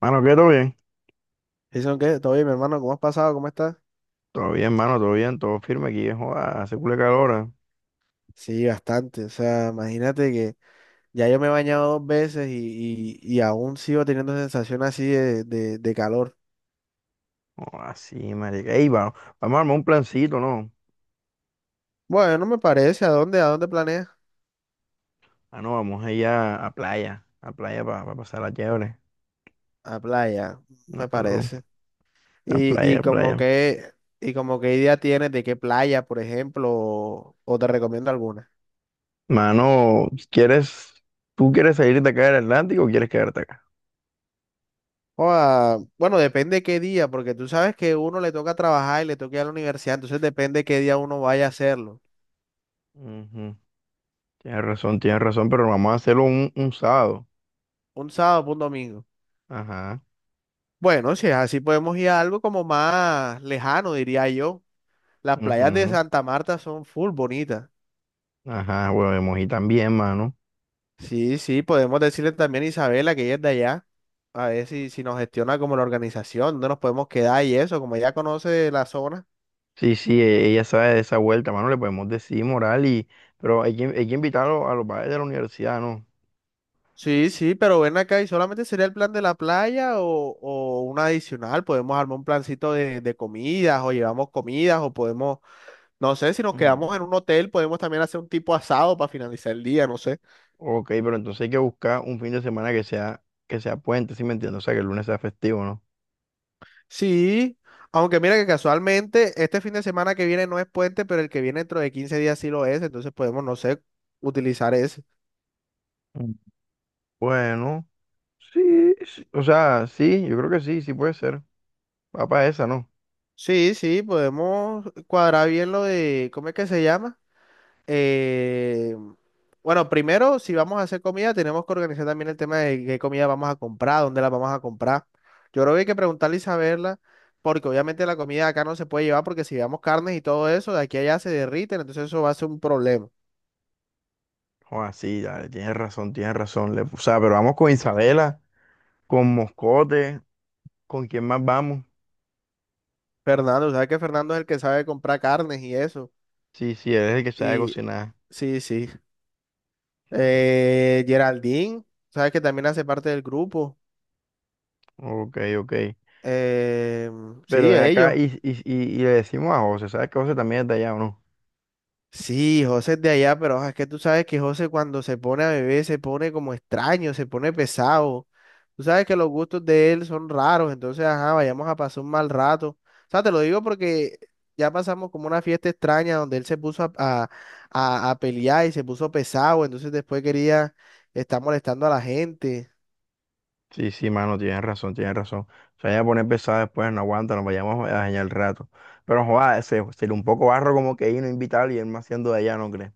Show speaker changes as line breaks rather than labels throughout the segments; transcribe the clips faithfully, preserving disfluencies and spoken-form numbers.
Mano, ¿qué? ¿Todo bien?
Jason, ¿qué? ¿Todo bien, mi hermano? ¿Cómo has pasado? ¿Cómo estás?
Todo bien, mano, todo bien, todo firme aquí, eh, joda, hace culo de calor, eh.
Sí, bastante. O sea, imagínate que ya yo me he bañado dos veces y, y- y aún sigo teniendo sensación así de, de- de calor.
Joda, sí, marica. Ey, va- vamos a armar un plancito, ¿no?
Bueno, no me parece. ¿A dónde? ¿A dónde planeas?
Ah, no, vamos a ir a, a playa, a playa para pasar la chévere.
A playa,
No,
me
aló,
parece.
a
Y,
playa,
y
a
como
playa.
que, y como qué idea tienes de qué playa, por ejemplo, o, o te recomiendo alguna.
Mano, ¿quieres, ¿tú quieres salir de acá del Atlántico o quieres quedarte acá?
O a- bueno, depende qué día, porque tú sabes que uno le toca trabajar y le toca ir a la universidad, entonces depende qué día uno vaya a hacerlo.
Ujú. Tienes razón, tienes razón, pero vamos a hacerlo un, un sábado.
Un sábado, o un domingo.
Ajá,
Bueno, si es así, podemos ir a algo como más lejano, diría yo. Las playas de
ujú.
Santa Marta son full bonitas.
Ajá, bueno, y también, mano.
Sí, sí, podemos decirle también a Isabela que ella es de allá, a ver si, si nos gestiona como la organización, dónde nos podemos quedar y eso, como ella conoce la zona.
Sí, sí, e- ella sabe de esa vuelta, mano, le podemos decir moral y, pero hay que, hay que invitarlo a los padres de la universidad, ¿no?
Sí, sí, pero ven acá y solamente sería el plan de la playa o, o un adicional. Podemos armar un plancito de, de comidas o llevamos comidas o podemos, no sé, si nos quedamos
Mm.
en un hotel, podemos también hacer un tipo asado para finalizar el día, no sé.
Ok, pero entonces hay que buscar un fin de semana que sea, que sea puente, ¿sí me entiendes? O sea, que el lunes sea festivo, ¿no?
Sí, aunque mira que casualmente este fin de semana que viene no es puente, pero el que viene dentro de quince días sí lo es, entonces podemos, no sé, utilizar ese.
Mm. Bueno, sí, sí, o sea, sí, yo creo que sí, sí puede ser. Va para esa, ¿no?
Sí, sí, podemos cuadrar bien lo de, ¿cómo es que se llama? Eh, bueno, primero, si vamos a hacer comida, tenemos que organizar también el tema de qué comida vamos a comprar, dónde la vamos a comprar. Yo creo que hay que preguntarle y saberla, porque obviamente la comida de acá no se puede llevar, porque si llevamos carnes y todo eso, de aquí a allá se derriten, entonces eso va a ser un problema.
Joder, sí, dale, tienes razón, tienes razón. Le- o sea, pero vamos con Isabela, con Moscote, ¿con quién más vamos?
Fernando, ¿sabes que Fernando es el que sabe comprar carnes y eso?
Sí, sí, él es el que sabe
Y
cocinar.
sí, sí. Eh, Geraldine, ¿sabes que también hace parte del grupo?
Ok, ok.
Eh,
Pero
sí,
ven acá
ellos.
y, y, y, y le decimos a José, ¿sabes que José también está allá o no?
Sí, José es de allá, pero ah, es que tú sabes que José cuando se pone a beber se pone como extraño, se pone pesado. Tú sabes que los gustos de él son raros, entonces, ajá, vayamos a pasar un mal rato. O sea, te lo digo porque ya pasamos como una fiesta extraña donde él se puso a, a- a- a pelear y se puso pesado, entonces después quería estar molestando a la gente.
Sí, sí, mano, tienes razón, tienes razón. O sea ya poner pesado después, no aguanta, nos vayamos a dañar el rato. Pero joder, se, sería un poco barro como que ir no invitarlo y él más siendo de allá, ¿no crees?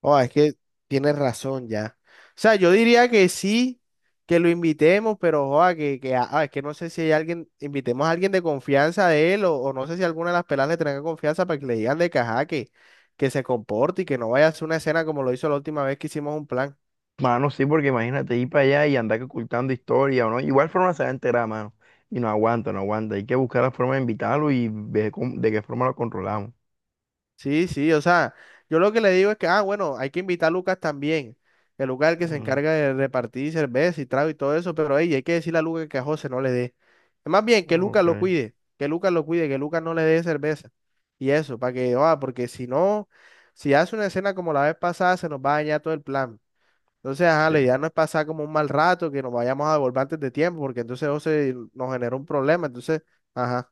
Oh, es que tienes razón ya. O sea, yo diría que sí, que lo invitemos, pero joa, que, que ah, ah, es que no sé si hay alguien, invitemos a alguien de confianza de él, o, o no sé si alguna de las pelas le tenga confianza para que le digan de caja que, que se comporte y que no vaya a hacer una escena como lo hizo la última vez que hicimos un plan.
Mano, sí, porque imagínate ir para allá y andar que ocultando historia o no. Igual forma se va a enterar, mano. Y no aguanta, no aguanta. Hay que buscar la forma de invitarlo y ver cómo- de qué forma lo controlamos.
Sí, sí, o sea, yo lo que le digo es que, ah, bueno, hay que invitar a Lucas también. El Lucas es el que se
Mm,
encarga de repartir cerveza y trago y todo eso, pero ey, hay que decirle a Lucas que a José no le dé. Más bien, que Lucas
ok,
lo cuide, que Lucas lo cuide, que Lucas no le dé cerveza. Y eso, para que, ah, porque si no, si hace una escena como la vez pasada, se nos va a dañar todo el plan. Entonces, ajá,
sí.
la idea no es pasar como un mal rato, que nos vayamos a devolver antes de tiempo, porque entonces José nos genera un problema, entonces, ajá.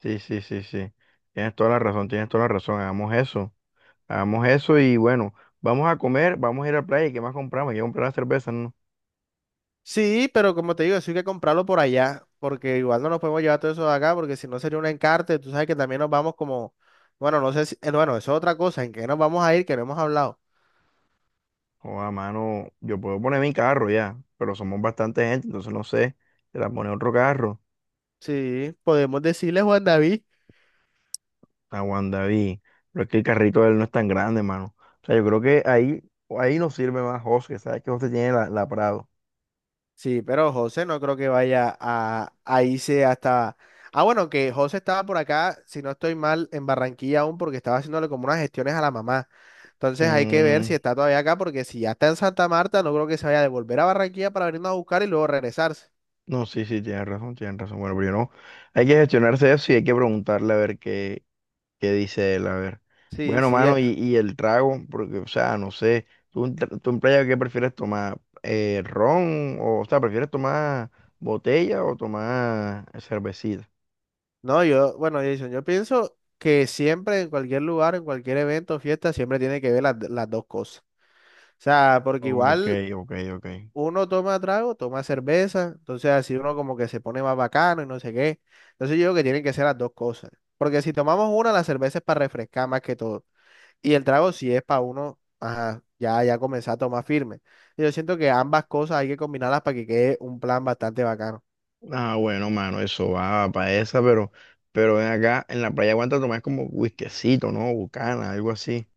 Sí, sí, sí, sí. Tienes toda la razón, tienes toda la razón. Hagamos eso. Hagamos eso y bueno, vamos a comer, vamos a ir a la playa. ¿Y qué más compramos? Hay que comprar las cervezas, ¿no?
Sí, pero como te digo, eso hay que comprarlo por allá, porque igual no nos podemos llevar todo eso de acá, porque si no sería un encarte, tú sabes que también nos vamos como, bueno, no sé si, eh, bueno, eso es otra cosa, en qué nos vamos a ir, que no hemos hablado.
O a mano, yo puedo poner mi carro ya, pero somos bastante gente, entonces no sé. Se la pone otro carro.
Sí, podemos decirle Juan David,
Aguanta, David. Pero es que el carrito de él no es tan grande, mano. O sea, yo creo que ahí, ahí nos sirve más José, que sabes que José tiene la, la Prado.
sí, pero José no creo que vaya a, a irse hasta, ah, bueno, que José estaba por acá, si no estoy mal, en Barranquilla aún, porque estaba haciéndole como unas gestiones a la mamá, entonces hay que ver si
Mm,
está todavía acá, porque si ya está en Santa Marta, no creo que se vaya a devolver a Barranquilla para venirnos a buscar y luego regresarse.
no, sí, sí, tienes razón, tienes razón. Bueno, pero yo no. Hay que gestionarse eso y hay que preguntarle a ver qué, ¿qué dice él? A ver.
Sí,
Bueno,
sí.
mano, y, y el trago, porque, o sea, no sé, ¿tú, en tra- tú en playa qué prefieres tomar? Eh, ¿ron? O, o sea, ¿prefieres tomar botella o tomar cervecita?
No, yo, bueno, Jason, yo pienso que siempre en cualquier lugar, en cualquier evento, fiesta, siempre tiene que ver las, las dos cosas. O sea, porque
Ok,
igual
ok, ok.
uno toma trago, toma cerveza, entonces así uno como que se pone más bacano y no sé qué. Entonces yo digo que tienen que ser las dos cosas. Porque si tomamos una, la cerveza es para refrescar más que todo. Y el trago sí es para uno, ajá, ya, ya comenzar a tomar firme. Y yo siento que ambas cosas hay que combinarlas para que quede un plan bastante bacano.
Ah, bueno, mano, eso va para esa, pero, pero ven acá, en la playa aguanta tomar como whiskycito, ¿no? Bucana, algo así.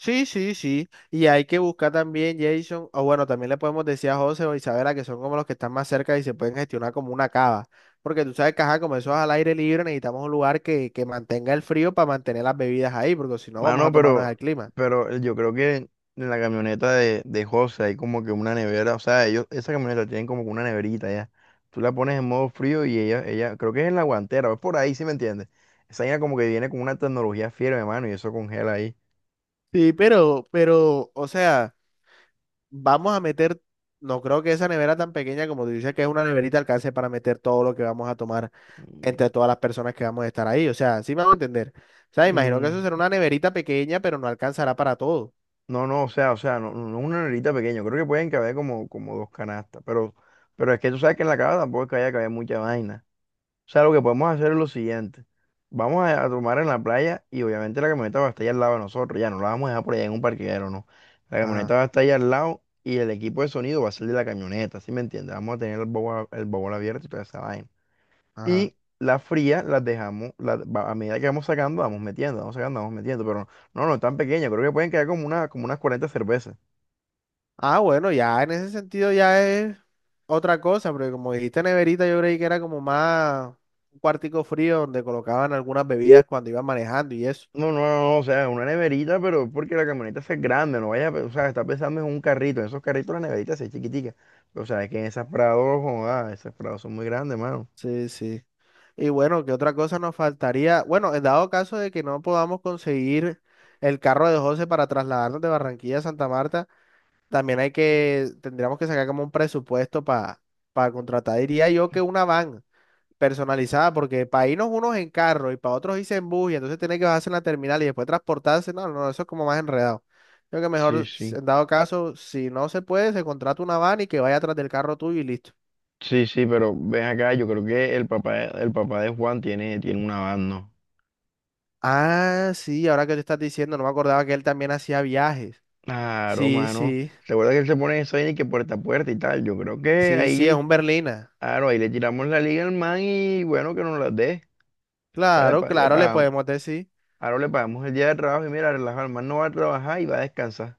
Sí, sí, sí. Y hay que buscar también, Jason, o bueno, también le podemos decir a José o Isabela que son como los que están más cerca y se pueden gestionar como una cava. Porque tú sabes que, ajá, como eso es al aire libre, necesitamos un lugar que, que mantenga el frío para mantener las bebidas ahí, porque si no vamos a
Mano,
tomarnos el
pero,
clima.
pero eh, yo creo que en la camioneta de, de José hay como que una nevera, o sea, ellos, esa camioneta tienen como que una neverita ya. Tú la pones en modo frío y ella, ella, creo que es en la guantera, es por ahí, ¿sí me entiendes? Esa vaina como que viene con una tecnología fiera, mano, y eso congela ahí.
Sí, pero, pero, o sea, vamos a meter, no creo que esa nevera tan pequeña como tú dices que es una neverita alcance para meter todo lo que vamos a tomar
Mm,
entre todas las personas que vamos a estar ahí. O sea, sí me vamos a entender. O sea, imagino que eso será
mm,
una neverita pequeña, pero no alcanzará para todo.
no, no, o sea, o sea, no, no no es una neverita pequeña, creo que pueden caber como, como dos canastas, pero, pero es que tú sabes que en la casa tampoco es que haya caber mucha vaina. O sea, lo que podemos hacer es lo siguiente. Vamos a, a tomar en la playa y obviamente la camioneta va a estar allá al lado de nosotros. Ya no la vamos a dejar por allá en un parqueadero, no. La camioneta
Ajá,
va a estar allá al lado y el equipo de sonido va a ser de la camioneta, ¿sí me entiendes? Vamos a tener el bowl, el bowl abierto y toda esa vaina.
ajá.
Y las frías las dejamos, las- va- a medida que vamos sacando, vamos metiendo, vamos sacando, vamos metiendo. Pero no, no, no tan pequeña, creo que pueden quedar como, una, como unas cuarenta cervezas.
Ah, bueno, ya en ese sentido ya es otra cosa, porque como dijiste neverita, yo creí que era como más un cuartico frío donde colocaban algunas bebidas cuando iban manejando y eso.
No, no, no, o sea, una neverita, pero porque la camioneta es grande, no vaya, a pe- o sea, está pensando en un carrito, en esos carritos la neverita se ve chiquitica, o sea, es que en esas prados, joda, esas prados son muy grandes, mano.
Sí, sí. Y bueno, ¿qué otra cosa nos faltaría? Bueno, en dado caso de que no podamos conseguir el carro de José para trasladarnos de Barranquilla a Santa Marta, también hay que, tendríamos que sacar como un presupuesto para para contratar, diría yo que una van personalizada, porque para irnos unos en carro y para otros irse en bus, y entonces tiene que bajarse en la terminal y después transportarse, no, no, eso es como más enredado. Creo que
Sí,
mejor, si-
sí,
en dado caso, si no se puede, se contrata una van y que vaya atrás del carro tuyo y listo.
sí, sí, pero ven acá, yo creo que el papá, el papá de Juan tiene, tiene una van, ¿no?
Ah, sí, ahora que te estás diciendo, no me acordaba que él también hacía viajes.
Claro,
Sí,
mano,
sí,
recuerda que él se pone eso ahí de que puerta a puerta y tal, yo creo que
sí, sí, es
ahí,
un berlina.
claro, ahí le tiramos la liga al man y bueno, que nos la dé, o sea, le,
Claro,
pa- le
claro, le
pagamos,
podemos decir.
ahora le pagamos el día de trabajo y mira, relaja, el man no va a trabajar y va a descansar.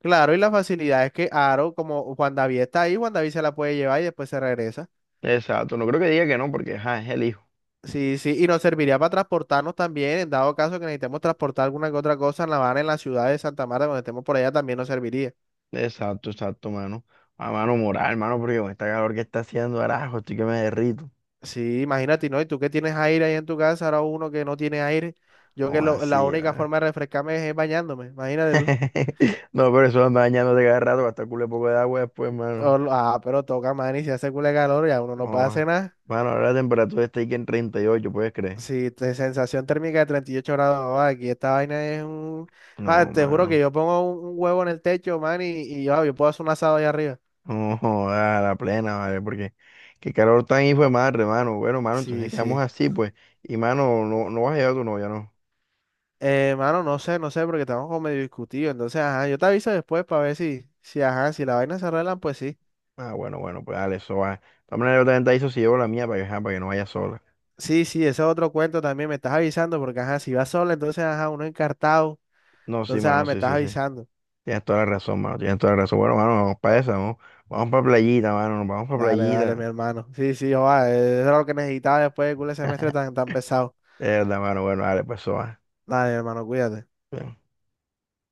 Claro, y la facilidad es que Aro, como Juan David está ahí, Juan David se la puede llevar y después se regresa.
Exacto, no creo que diga que no, porque ajá, es el hijo.
Sí, sí, y nos serviría para transportarnos también, en dado caso que necesitemos transportar alguna que otra cosa en La Habana, en la ciudad de Santa Marta, cuando estemos por allá también nos serviría.
Exacto, exacto, mano. A mano moral, mano, porque con esta calor que está haciendo, arajo, estoy que me derrito.
Sí, imagínate, ¿no? Y tú que tienes aire ahí en tu casa, ahora uno que no tiene aire, yo que
O
lo- la
así,
única
¿verdad?
forma de refrescarme es, bañándome, imagínate tú.
No, pero eso anda dañándote cada rato, va a estar culo poco de agua después, mano.
O lo- ah, pero toca, man, y si hace culo de calor, ya uno no puede
No,
hacer nada.
mano, ahora la temperatura está ahí que en treinta y ocho, ¿puedes creer?
Si te sensación térmica de treinta y ocho grados, ah, aquí esta vaina es un... Ah,
No,
te juro que
mano.
yo pongo un, un huevo en el techo, man, y, y ah, yo puedo hacer un asado allá arriba.
No, joda, a la plena, ¿vale? Porque qué calor tan hijo de madre, mano. Bueno, mano,
Sí,
entonces quedamos
sí.
así, pues. Y, mano, no, no vas a llevar a tu novia, ¿no?
Eh, mano, no sé, no sé, porque estamos como medio discutidos. Entonces, ajá, yo te aviso después para ver si, si, ajá, si la vaina se arreglan, pues sí.
Ah, bueno, bueno, pues dale, eso va. De todas maneras, yo también te aviso si llevo la mía para que, ajá, para que no vaya sola.
Sí, sí, ese es otro cuento también, me estás avisando, porque ajá, si vas sola, entonces ajá, uno encartado.
No, sí,
Entonces, ajá,
mano,
me
sí,
estás
sí, sí.
avisando.
Tienes toda la razón, mano, tienes toda la razón. Bueno, mano, vamos para esa, vamos, vamos para playita, mano, nos vamos para
Dale, dale,
playita.
mi hermano. Sí, sí, joa, eh, eso era lo que necesitaba después de culo de semestre tan, tan pesado.
De verdad, mano, bueno, dale, pues eso va.
Dale, hermano, cuídate.
Bien.